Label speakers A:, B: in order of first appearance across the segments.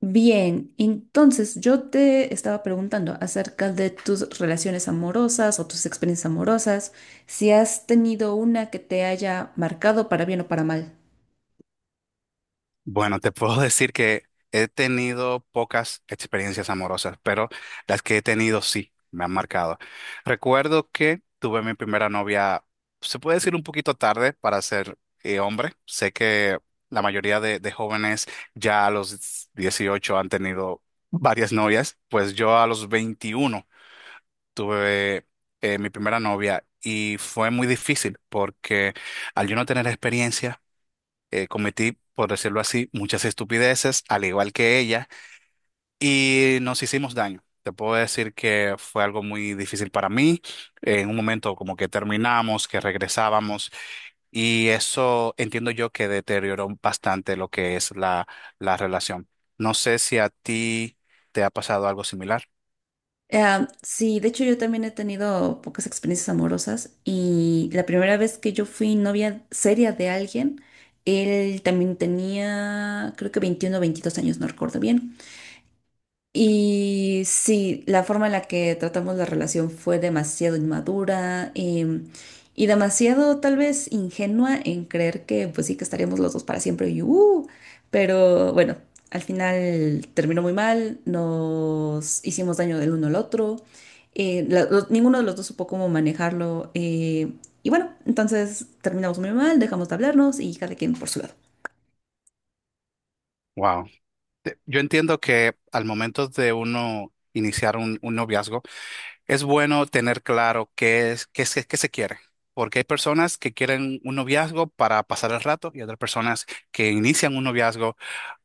A: Bien, entonces yo te estaba preguntando acerca de tus relaciones amorosas o tus experiencias amorosas, si has tenido una que te haya marcado para bien o para mal.
B: Bueno, te puedo decir que he tenido pocas experiencias amorosas, pero las que he tenido sí me han marcado. Recuerdo que tuve mi primera novia, se puede decir un poquito tarde para ser hombre. Sé que la mayoría de jóvenes ya a los 18 han tenido varias novias, pues yo a los 21 tuve mi primera novia y fue muy difícil porque al yo no tener experiencia cometí, por decirlo así, muchas estupideces, al igual que ella, y nos hicimos daño. Te puedo decir que fue algo muy difícil para mí. En un momento como que terminamos, que regresábamos, y eso entiendo yo que deterioró bastante lo que es la relación. No sé si a ti te ha pasado algo similar.
A: Ah, sí, de hecho yo también he tenido pocas experiencias amorosas y la primera vez que yo fui novia seria de alguien, él también tenía creo que 21 o 22 años, no recuerdo bien. Y sí, la forma en la que tratamos la relación fue demasiado inmadura, y demasiado tal vez ingenua en creer que pues sí que estaríamos los dos para siempre. Y ¡uh! Pero bueno, al final terminó muy mal, nos hicimos daño del uno al otro. Ninguno de los dos supo cómo manejarlo, y bueno, entonces terminamos muy mal, dejamos de hablarnos y cada quien por su lado.
B: Wow. Yo entiendo que al momento de uno iniciar un noviazgo, es bueno tener claro qué se quiere, porque hay personas que quieren un noviazgo para pasar el rato y otras personas que inician un noviazgo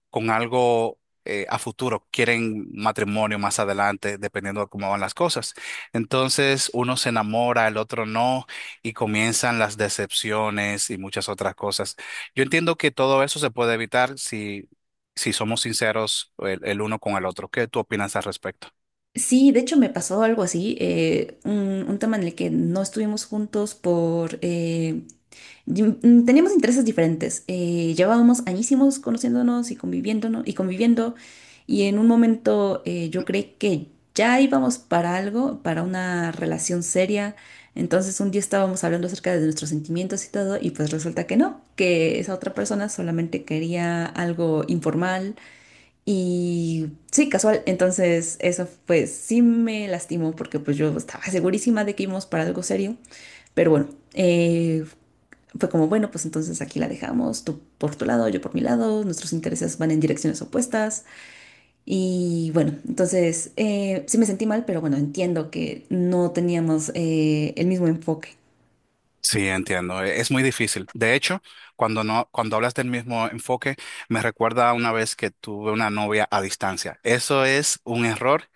B: con algo a futuro, quieren matrimonio más adelante, dependiendo de cómo van las cosas. Entonces, uno se enamora, el otro no, y comienzan las decepciones y muchas otras cosas. Yo entiendo que todo eso se puede evitar si somos sinceros el uno con el otro. ¿Qué tú opinas al respecto?
A: Sí, de hecho me pasó algo así. Un tema en el que no estuvimos juntos por, teníamos intereses diferentes. Llevábamos añísimos conociéndonos y conviviéndonos y conviviendo, y en un momento, yo creí que ya íbamos para algo, para una relación seria. Entonces un día estábamos hablando acerca de nuestros sentimientos y todo y pues resulta que no, que esa otra persona solamente quería algo informal y sí, casual. Entonces, eso pues sí me lastimó porque pues yo estaba segurísima de que íbamos para algo serio. Pero bueno, eh, fue como, bueno, pues entonces aquí la dejamos, tú por tu lado, yo por mi lado, nuestros intereses van en direcciones opuestas. Y bueno, entonces, sí me sentí mal, pero bueno, entiendo que no teníamos, el mismo enfoque.
B: Sí, entiendo. Es muy difícil. De hecho, cuando no, cuando hablas del mismo enfoque, me recuerda a una vez que tuve una novia a distancia. Eso es un error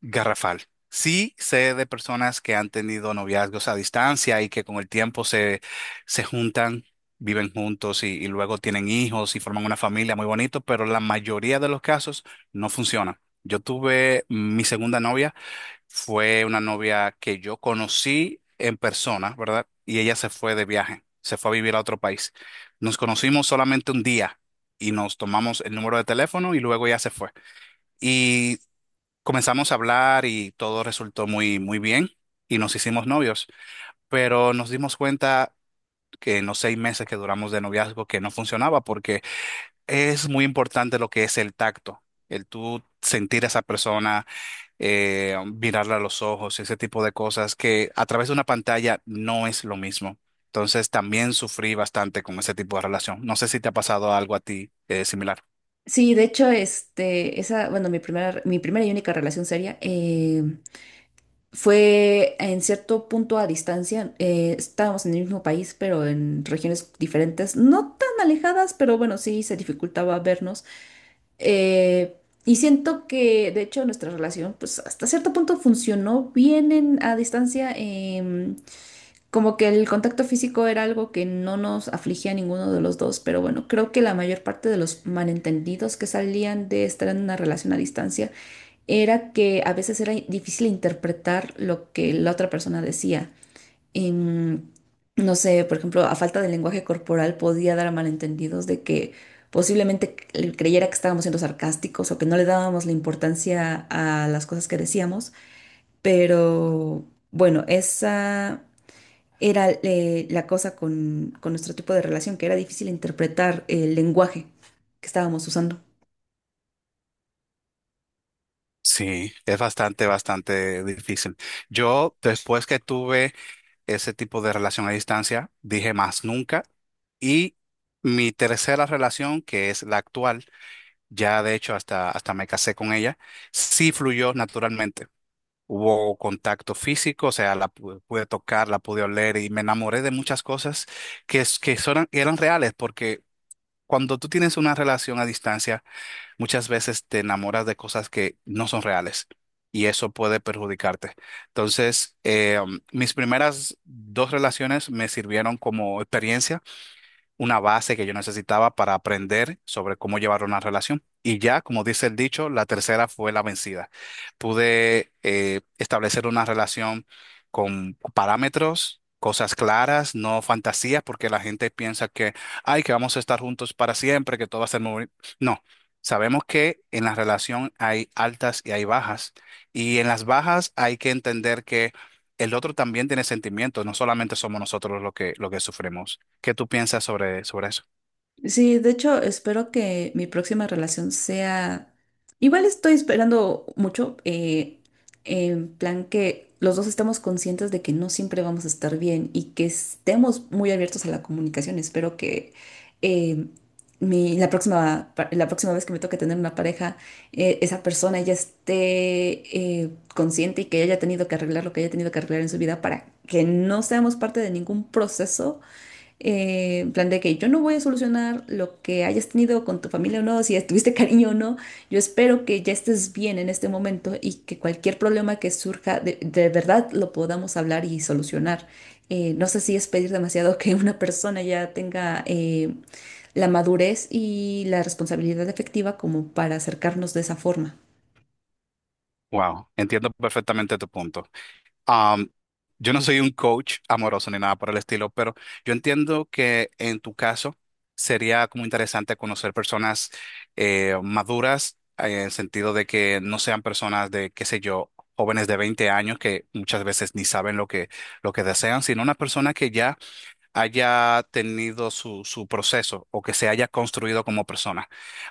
B: garrafal. Sí sé de personas que han tenido noviazgos a distancia y que con el tiempo se juntan, viven juntos y luego tienen hijos y forman una familia muy bonito, pero la mayoría de los casos no funciona. Yo tuve mi segunda novia. Fue una novia que yo conocí en persona, ¿verdad? Y ella se fue de viaje, se fue a vivir a otro país. Nos conocimos solamente un día y nos tomamos el número de teléfono y luego ella se fue. Y comenzamos a hablar y todo resultó muy bien y nos hicimos novios, pero nos dimos cuenta que en los 6 meses que duramos de noviazgo que no funcionaba porque es muy importante lo que es el tacto, el tú sentir a esa persona mirarla a los ojos, ese tipo de cosas que a través de una pantalla no es lo mismo. Entonces también sufrí bastante con ese tipo de relación. No sé si te ha pasado algo a ti similar.
A: Sí, de hecho, este, bueno, mi primera y única relación seria, fue en cierto punto a distancia. Estábamos en el mismo país, pero en regiones diferentes, no tan alejadas, pero bueno, sí se dificultaba vernos. Eh, y siento que, de hecho, nuestra relación pues hasta cierto punto funcionó bien a distancia. Como que el contacto físico era algo que no nos afligía a ninguno de los dos, pero bueno, creo que la mayor parte de los malentendidos que salían de estar en una relación a distancia era que a veces era difícil interpretar lo que la otra persona decía. Em, no sé, por ejemplo, a falta de lenguaje corporal podía dar a malentendidos de que posiblemente él creyera que estábamos siendo sarcásticos o que no le dábamos la importancia a las cosas que decíamos, pero bueno, esa era, la cosa con nuestro tipo de relación, que era difícil interpretar el lenguaje que estábamos usando.
B: Sí, es bastante difícil. Yo, después que tuve ese tipo de relación a distancia, dije más nunca. Y mi tercera relación, que es la actual, ya de hecho hasta me casé con ella, sí fluyó naturalmente. Hubo contacto físico, o sea, pude tocar, la pude oler y me enamoré de muchas cosas que, es- que son- que eran reales, porque cuando tú tienes una relación a distancia, muchas veces te enamoras de cosas que no son reales y eso puede perjudicarte. Entonces, mis primeras dos relaciones me sirvieron como experiencia una base que yo necesitaba para aprender sobre cómo llevar una relación. Y ya, como dice el dicho, la tercera fue la vencida. Pude establecer una relación con parámetros, cosas claras, no fantasías, porque la gente piensa que, ay, que vamos a estar juntos para siempre, que todo va a ser muy... No, sabemos que en la relación hay altas y hay bajas. Y en las bajas hay que entender que el otro también tiene sentimientos, no solamente somos nosotros lo que sufrimos. ¿Qué tú piensas sobre eso?
A: Sí, de hecho, espero que mi próxima relación sea. Igual estoy esperando mucho, en plan que los dos estemos conscientes de que no siempre vamos a estar bien y que estemos muy abiertos a la comunicación. Espero que, eh, la próxima, la próxima vez que me toque tener una pareja, esa persona ya esté, consciente y que haya tenido que arreglar lo que haya tenido que arreglar en su vida para que no seamos parte de ningún proceso, en plan de que yo no voy a solucionar lo que hayas tenido con tu familia o no, si estuviste cariño o no. Yo espero que ya estés bien en este momento y que cualquier problema que surja de verdad lo podamos hablar y solucionar. No sé si es pedir demasiado que una persona ya tenga, la madurez y la responsabilidad efectiva como para acercarnos de esa forma.
B: Wow, entiendo perfectamente tu punto. Am, yo no soy un coach amoroso ni nada por el estilo, pero yo entiendo que en tu caso sería como interesante conocer personas maduras en el sentido de que no sean personas de, qué sé yo, jóvenes de 20 años que muchas veces ni saben lo que desean, sino una persona que ya haya tenido su proceso o que se haya construido como persona.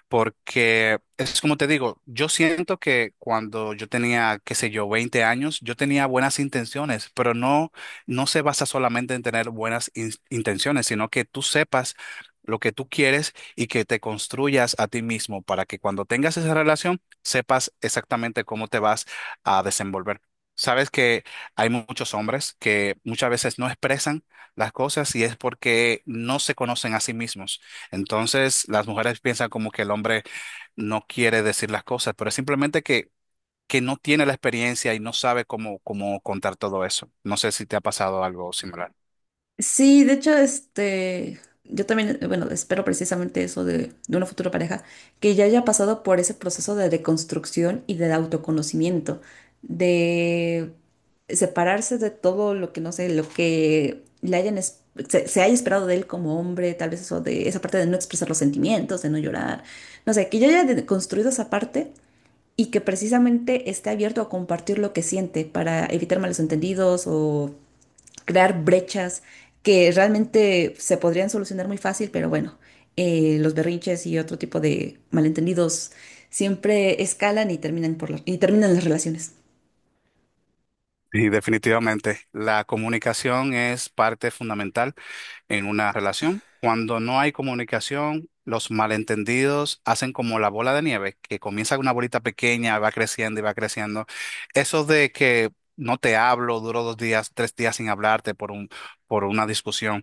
B: Porque es como te digo, yo siento que cuando yo tenía, qué sé yo, 20 años, yo tenía buenas intenciones, pero no, no se basa solamente en tener buenas intenciones, sino que tú sepas lo que tú quieres y que te construyas a ti mismo para que cuando tengas esa relación sepas exactamente cómo te vas a desenvolver. Sabes que hay muchos hombres que muchas veces no expresan las cosas y es porque no se conocen a sí mismos. Entonces, las mujeres piensan como que el hombre no quiere decir las cosas, pero es simplemente que no tiene la experiencia y no sabe cómo contar todo eso. No sé si te ha pasado algo similar.
A: Sí, de hecho, este, yo también, bueno, espero precisamente eso de una futura pareja, que ya haya pasado por ese proceso de deconstrucción y de autoconocimiento, de separarse de todo lo que, no sé, lo que le hayan, se haya esperado de él como hombre, tal vez eso de esa parte de no expresar los sentimientos, de no llorar, no sé, que ya haya deconstruido esa parte y que precisamente esté abierto a compartir lo que siente para evitar malos entendidos o crear brechas que realmente se podrían solucionar muy fácil, pero bueno, los berrinches y otro tipo de malentendidos siempre escalan y terminan y terminan las relaciones.
B: Y definitivamente, la comunicación es parte fundamental en una relación. Cuando no hay comunicación, los malentendidos hacen como la bola de nieve, que comienza con una bolita pequeña, va creciendo y va creciendo. Eso de que no te hablo, duró 2 días, 3 días sin hablarte por un, por una discusión.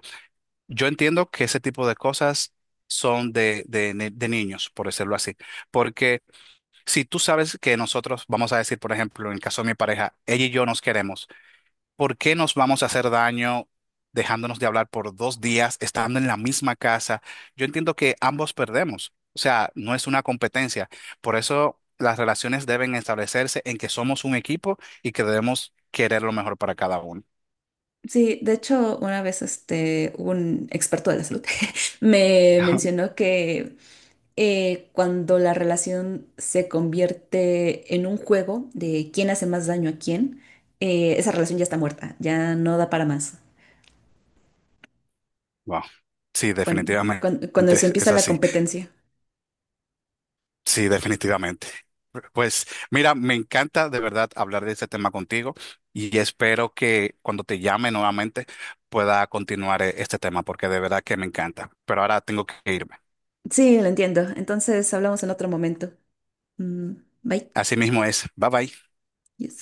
B: Yo entiendo que ese tipo de cosas son de, ni- de niños, por decirlo así. Porque si tú sabes que nosotros, vamos a decir, por ejemplo, en el caso de mi pareja, ella y yo nos queremos. ¿Por qué nos vamos a hacer daño dejándonos de hablar por 2 días, estando en la misma casa? Yo entiendo que ambos perdemos, o sea, no es una competencia. Por eso las relaciones deben establecerse en que somos un equipo y que debemos querer lo mejor para cada uno.
A: Sí, de hecho, una vez este, un experto de la salud me mencionó que, cuando la relación se convierte en un juego de quién hace más daño a quién, esa relación ya está muerta, ya no da para más.
B: Wow. Sí,
A: Cuan-
B: definitivamente
A: cuan- cuando eso
B: es
A: empieza la
B: así.
A: competencia.
B: Sí, definitivamente. Pues mira, me encanta de verdad hablar de este tema contigo y espero que cuando te llame nuevamente pueda continuar este tema porque de verdad que me encanta. Pero ahora tengo que irme.
A: Sí, lo entiendo. Entonces hablamos en otro momento. Mm, bye.
B: Así mismo es. Bye bye.
A: Yes.